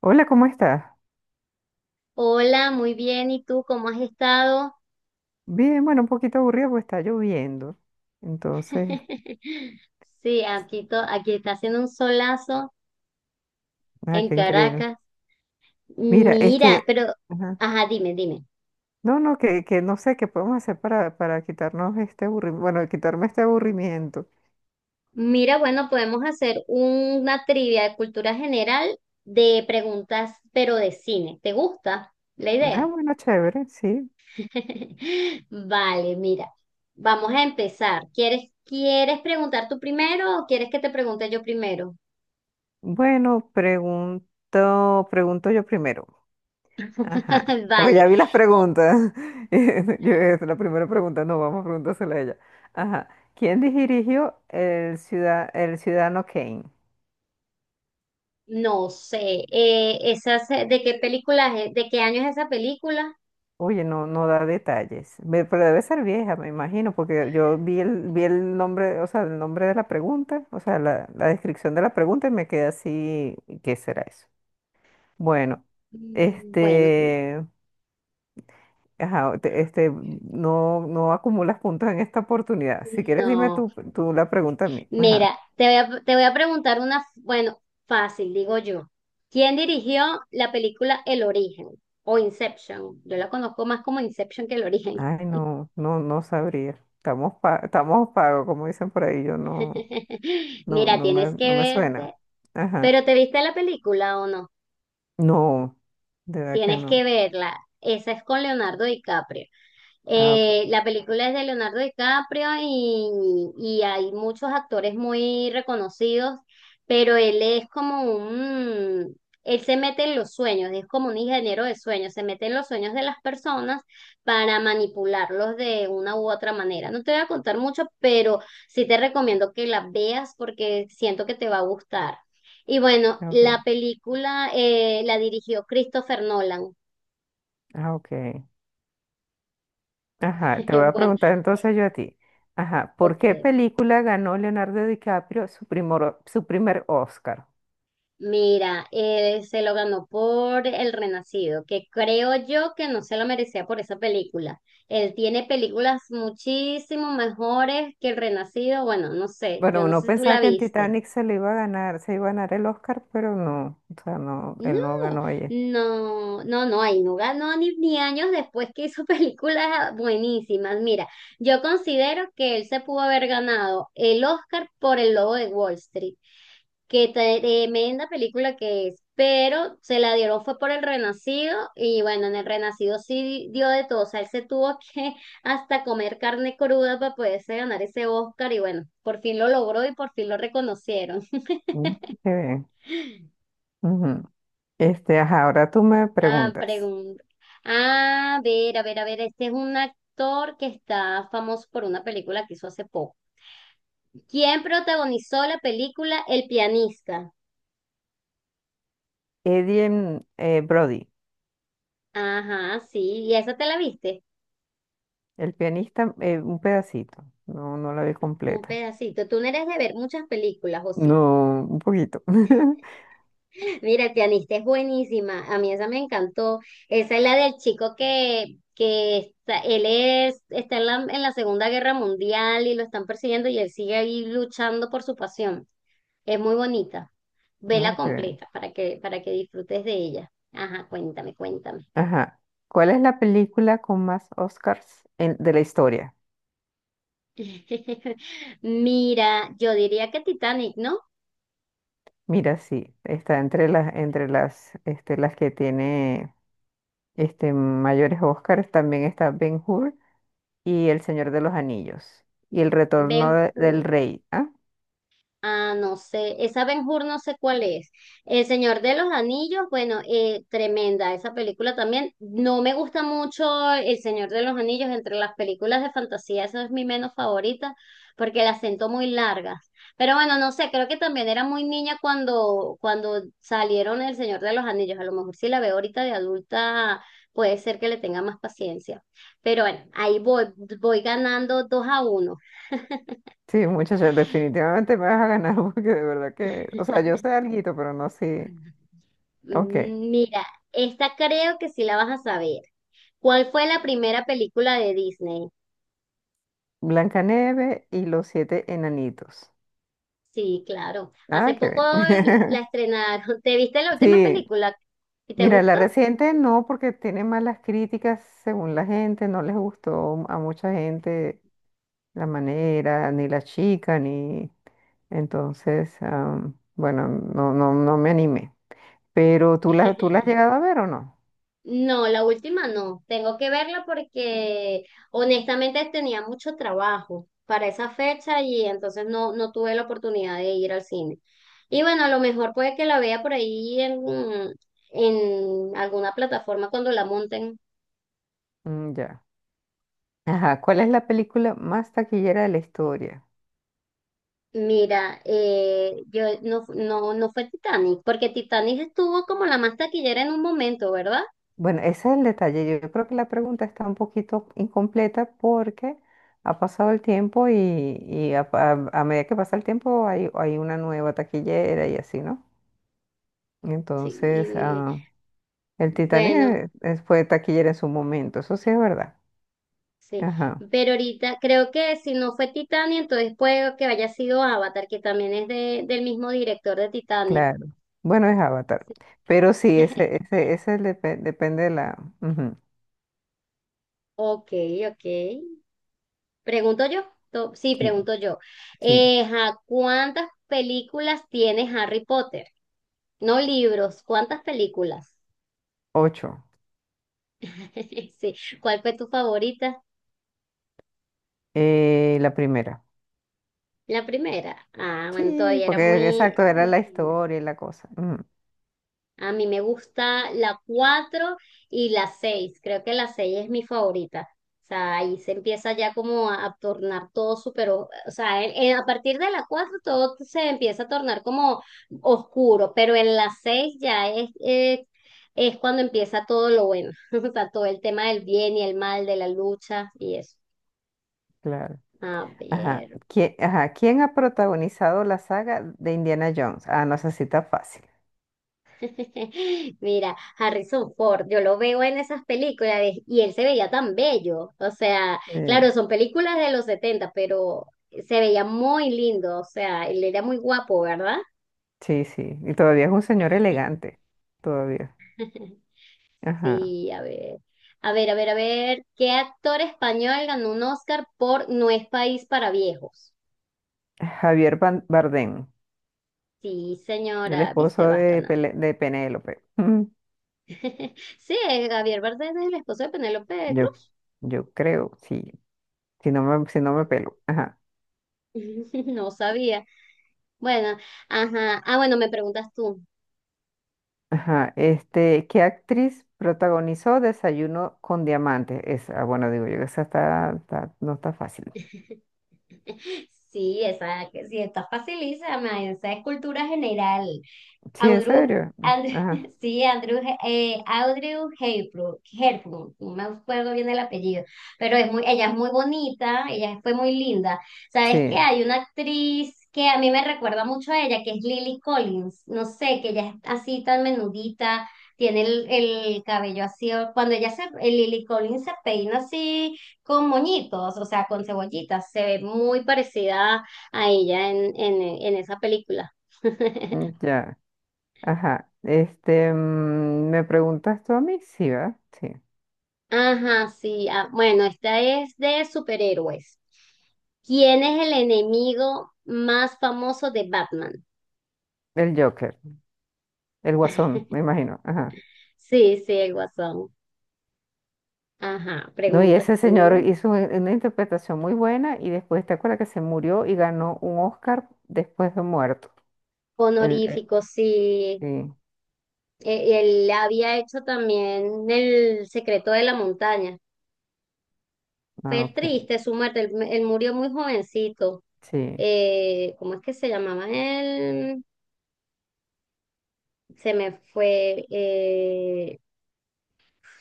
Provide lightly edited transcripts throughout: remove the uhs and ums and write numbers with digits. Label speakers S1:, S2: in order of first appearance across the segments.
S1: Hola, ¿cómo estás?
S2: Hola, muy bien. ¿Y tú cómo has estado?
S1: Bien, bueno, un poquito aburrido porque está lloviendo. Entonces,
S2: Sí, aquí, aquí está haciendo un solazo
S1: ah,
S2: en
S1: qué increíble.
S2: Caracas.
S1: Mira,
S2: Mira,
S1: este,
S2: pero,
S1: ajá.
S2: ajá, dime.
S1: No, no, que no sé qué podemos hacer para quitarnos este aburrimiento, bueno, quitarme este aburrimiento.
S2: Mira, bueno, podemos hacer una trivia de cultura general de preguntas, pero de cine. ¿Te gusta la
S1: Ah,
S2: idea?
S1: bueno, chévere, sí.
S2: Vale, mira, vamos a empezar. ¿Quieres preguntar tú primero o quieres que te pregunte yo primero?
S1: Bueno, pregunto yo primero. Ajá, porque
S2: Vale.
S1: ya vi las preguntas. Yo, es la primera pregunta, no, vamos a preguntársela a ella. Ajá, ¿quién dirigió el Ciudadano Kane?
S2: No sé, esas, ¿de qué película, de qué año es esa película?
S1: Oye, no, no da detalles. Pero debe ser vieja, me imagino, porque yo vi el nombre, o sea, el nombre de la pregunta, o sea, la descripción de la pregunta y me quedé así, ¿qué será eso? Bueno,
S2: Bueno,
S1: este, ajá, este, no, no acumulas puntos en esta oportunidad. Si quieres, dime
S2: no.
S1: tú, tú la pregunta a mí. Ajá.
S2: Mira, te voy a preguntar una, bueno, fácil, digo yo. ¿Quién dirigió la película El Origen o Inception? Yo la conozco más como Inception que El Origen.
S1: Ay, no, no, no sabría. Estamos pagos, como dicen por ahí, yo no, no,
S2: Mira, tienes que
S1: no me suena.
S2: verte,
S1: Ajá.
S2: pero ¿te viste la película o no?
S1: No, de verdad que
S2: Tienes que
S1: no.
S2: verla. Esa es con Leonardo DiCaprio.
S1: Ah, ok,
S2: La película es de Leonardo DiCaprio y hay muchos actores muy reconocidos, pero él es como un, él se mete en los sueños, es como un ingeniero de sueños, se mete en los sueños de las personas para manipularlos de una u otra manera. No te voy a contar mucho, pero sí te recomiendo que la veas porque siento que te va a gustar. Y bueno, la
S1: ok,
S2: película la dirigió Christopher Nolan.
S1: ah, ok. Ajá, te voy a
S2: Bueno,
S1: preguntar entonces yo a ti. Ajá, ¿por qué
S2: ok.
S1: película ganó Leonardo DiCaprio su primer Oscar?
S2: Mira, se lo ganó por El Renacido, que creo yo que no se lo merecía por esa película. Él tiene películas muchísimo mejores que El Renacido. Bueno, no sé, yo
S1: Bueno,
S2: no
S1: uno
S2: sé si tú la
S1: pensaba que en
S2: viste.
S1: Titanic se le iba a ganar, se iba a ganar el Oscar, pero no, o sea, no,
S2: No,
S1: él no ganó ella.
S2: no, no, no, ahí no ganó ni años después que hizo películas buenísimas. Mira, yo considero que él se pudo haber ganado el Oscar por El Lobo de Wall Street. Qué tremenda película que es, pero se la dieron fue por El Renacido y bueno, en El Renacido sí dio de todo, o sea, él se tuvo que hasta comer carne cruda para poderse ganar ese Oscar y bueno, por fin lo logró y por fin lo reconocieron.
S1: Mm, qué bien. Ujú. Este, ajá, ahora tú me
S2: Ah,
S1: preguntas.
S2: pregunta. Ah, a ver, a ver, a ver, este es un actor que está famoso por una película que hizo hace poco. ¿Quién protagonizó la película El pianista?
S1: Eddie Brody,
S2: Ajá, sí, ¿y esa te la viste?
S1: el pianista, un pedacito, no, no la vi
S2: Un
S1: completa.
S2: pedacito. Tú no eres de ver muchas películas, ¿o sí?
S1: No, un poquito.
S2: Mira, el pianista es buenísima. A mí esa me encantó. Esa es la del chico que está, él es, está en la Segunda Guerra Mundial y lo están persiguiendo y él sigue ahí luchando por su pasión. Es muy bonita. Vela
S1: Ok.
S2: completa para que disfrutes de ella. Ajá, cuéntame.
S1: Ajá. ¿Cuál es la película con más de la historia?
S2: Mira, yo diría que Titanic, ¿no?
S1: Mira, sí, está entre las, este, las que tiene este, mayores Oscars. También está Ben-Hur y El Señor de los Anillos y
S2: Ben
S1: del Rey. ¿Ah?
S2: Ah, no sé, esa Ben Hur no sé cuál es. El Señor de los Anillos, bueno, tremenda esa película también. No me gusta mucho El Señor de los Anillos, entre las películas de fantasía, esa es mi menos favorita, porque las siento muy largas. Pero bueno, no sé, creo que también era muy niña cuando salieron El Señor de los Anillos. A lo mejor si la veo ahorita de adulta, puede ser que le tenga más paciencia. Pero bueno, ahí voy, voy ganando dos a uno.
S1: Sí, muchachos, definitivamente me vas a ganar porque de verdad que, o sea, yo sé alguito, pero no sé. Ok,
S2: Mira, esta creo que sí la vas a saber. ¿Cuál fue la primera película de Disney?
S1: Blancanieves y los siete enanitos.
S2: Sí, claro. Hace
S1: Ah, qué
S2: poco la
S1: bien.
S2: estrenaron. ¿Te viste la última
S1: Sí,
S2: película? ¿Y te
S1: mira, la
S2: gustó?
S1: reciente no, porque tiene malas críticas según la gente, no les gustó a mucha gente la manera, ni la chica, ni... Entonces, bueno, no, no, no me animé. Pero tú la has llegado a ver o no?
S2: No, la última no. Tengo que verla porque honestamente tenía mucho trabajo para esa fecha y entonces no, no tuve la oportunidad de ir al cine. Y bueno, a lo mejor puede que la vea por ahí en alguna plataforma cuando la monten.
S1: Mm, ya. Ajá, ¿cuál es la película más taquillera de la historia?
S2: Mira, yo no, no, no fue Titanic, porque Titanic estuvo como la más taquillera en un momento, ¿verdad?
S1: Bueno, ese es el detalle. Yo creo que la pregunta está un poquito incompleta porque ha pasado el tiempo y, a medida que pasa el tiempo hay, hay una nueva taquillera y así, ¿no?
S2: Sí,
S1: Entonces,
S2: y-
S1: ah, el Titanic
S2: bueno,
S1: fue taquillera en su momento, eso sí es verdad.
S2: sí.
S1: Ajá,
S2: Pero ahorita creo que si no fue Titanic, entonces puede que haya sido Avatar, que también es de, del mismo director de Titanic.
S1: claro. Bueno, es Avatar. Pero sí, ese, ese, ese depe- depende de la. Ujú,
S2: Ok, ok. Pregunto yo. Sí,
S1: sí,
S2: pregunto yo.
S1: sí.
S2: Ajá, ¿cuántas películas tiene Harry Potter? No libros, ¿cuántas películas?
S1: Ocho.
S2: Sí. ¿Cuál fue tu favorita?
S1: La primera.
S2: La primera. Ah, bueno,
S1: Sí,
S2: todavía era
S1: porque
S2: muy,
S1: exacto, era
S2: muy
S1: la
S2: linda.
S1: historia y la cosa. Ujú,
S2: A mí me gusta la 4 y la 6. Creo que la 6 es mi favorita. O sea, ahí se empieza ya como a tornar todo súper, o sea, a partir de la 4 todo se empieza a tornar como oscuro, pero en la 6 ya es cuando empieza todo lo bueno. O sea, todo el tema del bien y el mal, de la lucha y eso.
S1: claro.
S2: A
S1: Ajá.
S2: ver.
S1: ¿Quién ha protagonizado la saga de Indiana Jones? Ah, no, esa sí está fácil.
S2: Mira, Harrison Ford, yo lo veo en esas y él se veía tan bello. O sea,
S1: Eh,
S2: claro, son películas de los 70, pero se veía muy lindo. O sea, él era muy guapo, ¿verdad?
S1: sí, sí. Y todavía es un señor elegante. Todavía. Ajá.
S2: Sí, a ver. A ver, a ver, a ver. ¿Qué actor español ganó un Oscar por No es país para viejos?
S1: Javier Bardem,
S2: Sí,
S1: el
S2: señora,
S1: esposo
S2: viste, vas
S1: de,
S2: ganando.
S1: Pele- de Penélope. Mm,
S2: Sí, es Javier Bardem es el esposo de Penélope
S1: Yo,
S2: Cruz.
S1: yo creo, sí, si no me, si no me pelo. Ajá,
S2: No sabía. Bueno, ajá. Ah, bueno, me preguntas tú.
S1: ajá. Este, ¿qué actriz protagonizó Desayuno con Diamantes? Esa, bueno, digo yo, esa no está fácil.
S2: Sí, esa, que sí, está facilísima, esa es cultura general.
S1: Sí, en
S2: Audru,
S1: serio.
S2: Andrew,
S1: Ajá,
S2: sí, Andrew, Audrey Hepburn, Hepburn, no me acuerdo bien el apellido, pero es muy, ella es muy bonita, ella fue muy linda. ¿Sabes qué?
S1: sí,
S2: Hay una actriz que a mí me recuerda mucho a ella, que es Lily Collins, no sé, que ella es así tan menudita, tiene el cabello así, cuando ella se, Lily Collins se peina así con moñitos, o sea, con cebollitas, se ve muy parecida a ella en en esa película.
S1: mm, ya, ajá. Este, mm, ¿me preguntas tú a mí? Sí, ¿verdad? Sí.
S2: Ajá, sí. Ah, bueno, esta es de superhéroes. ¿Quién es el enemigo más famoso de Batman?
S1: El Joker, el Guasón, me imagino. Ajá.
S2: Sí, sí, el Guasón. Ajá,
S1: No, y
S2: preguntas
S1: ese señor
S2: tú.
S1: hizo una interpretación muy buena y después te acuerdas que se murió y ganó un Oscar después de muerto. El,
S2: Honorífico, sí.
S1: sí,
S2: Él había hecho también El secreto de la montaña.
S1: ah,
S2: Fue
S1: ok,
S2: triste su muerte, él murió muy jovencito.
S1: sí.
S2: ¿Cómo es que se llamaba él? Se me fue.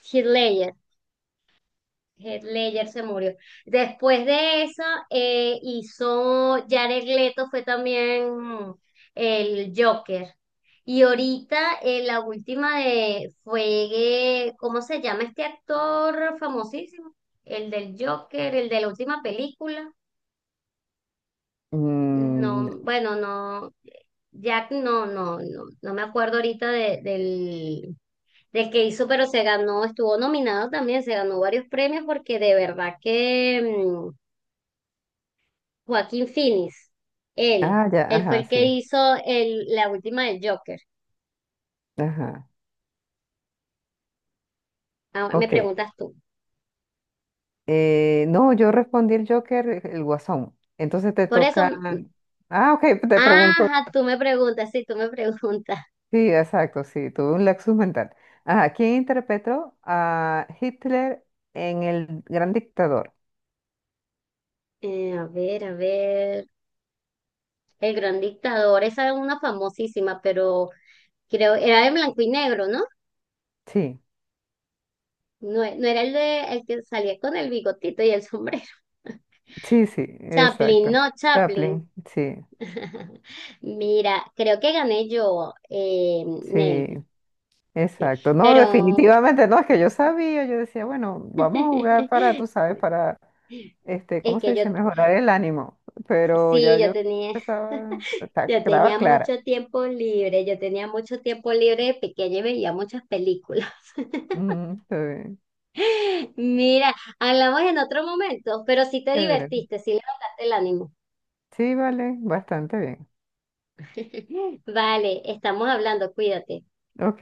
S2: Heath Ledger. Heath Ledger se murió. Después de eso, hizo Jared Leto, fue también el Joker. Y ahorita la última de fue, ¿cómo se llama este actor famosísimo? El del Joker, el de la última película.
S1: Mm,
S2: No, bueno, no, Jack no, no, no, no me acuerdo ahorita del, del que hizo, pero se ganó, estuvo nominado también, se ganó varios premios porque de verdad que mm, Joaquín Phoenix, él,
S1: ah, ya,
S2: él fue
S1: ajá,
S2: el que
S1: sí,
S2: hizo el, la última del Joker.
S1: ajá,
S2: Ahora me
S1: ok.
S2: preguntas tú.
S1: No, yo respondí el Joker, el Guasón. Entonces te
S2: Por eso,
S1: toca...
S2: mm,
S1: Ah, ok, te pregunto.
S2: ajá, tú me preguntas, sí, tú me preguntas.
S1: Sí, exacto, sí, tuve un lapsus mental. Ajá, ¿quién interpretó a Hitler en El Gran Dictador?
S2: A ver, El Gran Dictador, esa es una famosísima, pero creo, era de blanco y negro, ¿no?
S1: Sí.
S2: No, no era el de el que salía con el bigotito y el sombrero.
S1: Sí, sí,
S2: Chaplin,
S1: exacto.
S2: no Chaplin.
S1: Chaplin, sí,
S2: Mira, creo que gané yo, Nelvi,
S1: sí,
S2: sí.
S1: exacto. No,
S2: Pero
S1: definitivamente no, es que yo sabía, yo decía, bueno, vamos a jugar para, tú
S2: es
S1: sabes, para, este, ¿cómo se
S2: que yo,
S1: dice? Mejorar el ánimo, pero
S2: sí,
S1: ya
S2: yo
S1: yo
S2: tenía, yo
S1: estaba
S2: tenía
S1: clara.
S2: mucho tiempo libre, yo tenía mucho tiempo libre de pequeña y veía muchas películas.
S1: Ujú, está bien,
S2: Mira, hablamos en otro momento, pero sí te
S1: chévere.
S2: divertiste, sí levantaste el ánimo.
S1: Sí, vale, bastante bien.
S2: Vale, estamos hablando, cuídate.
S1: Ok.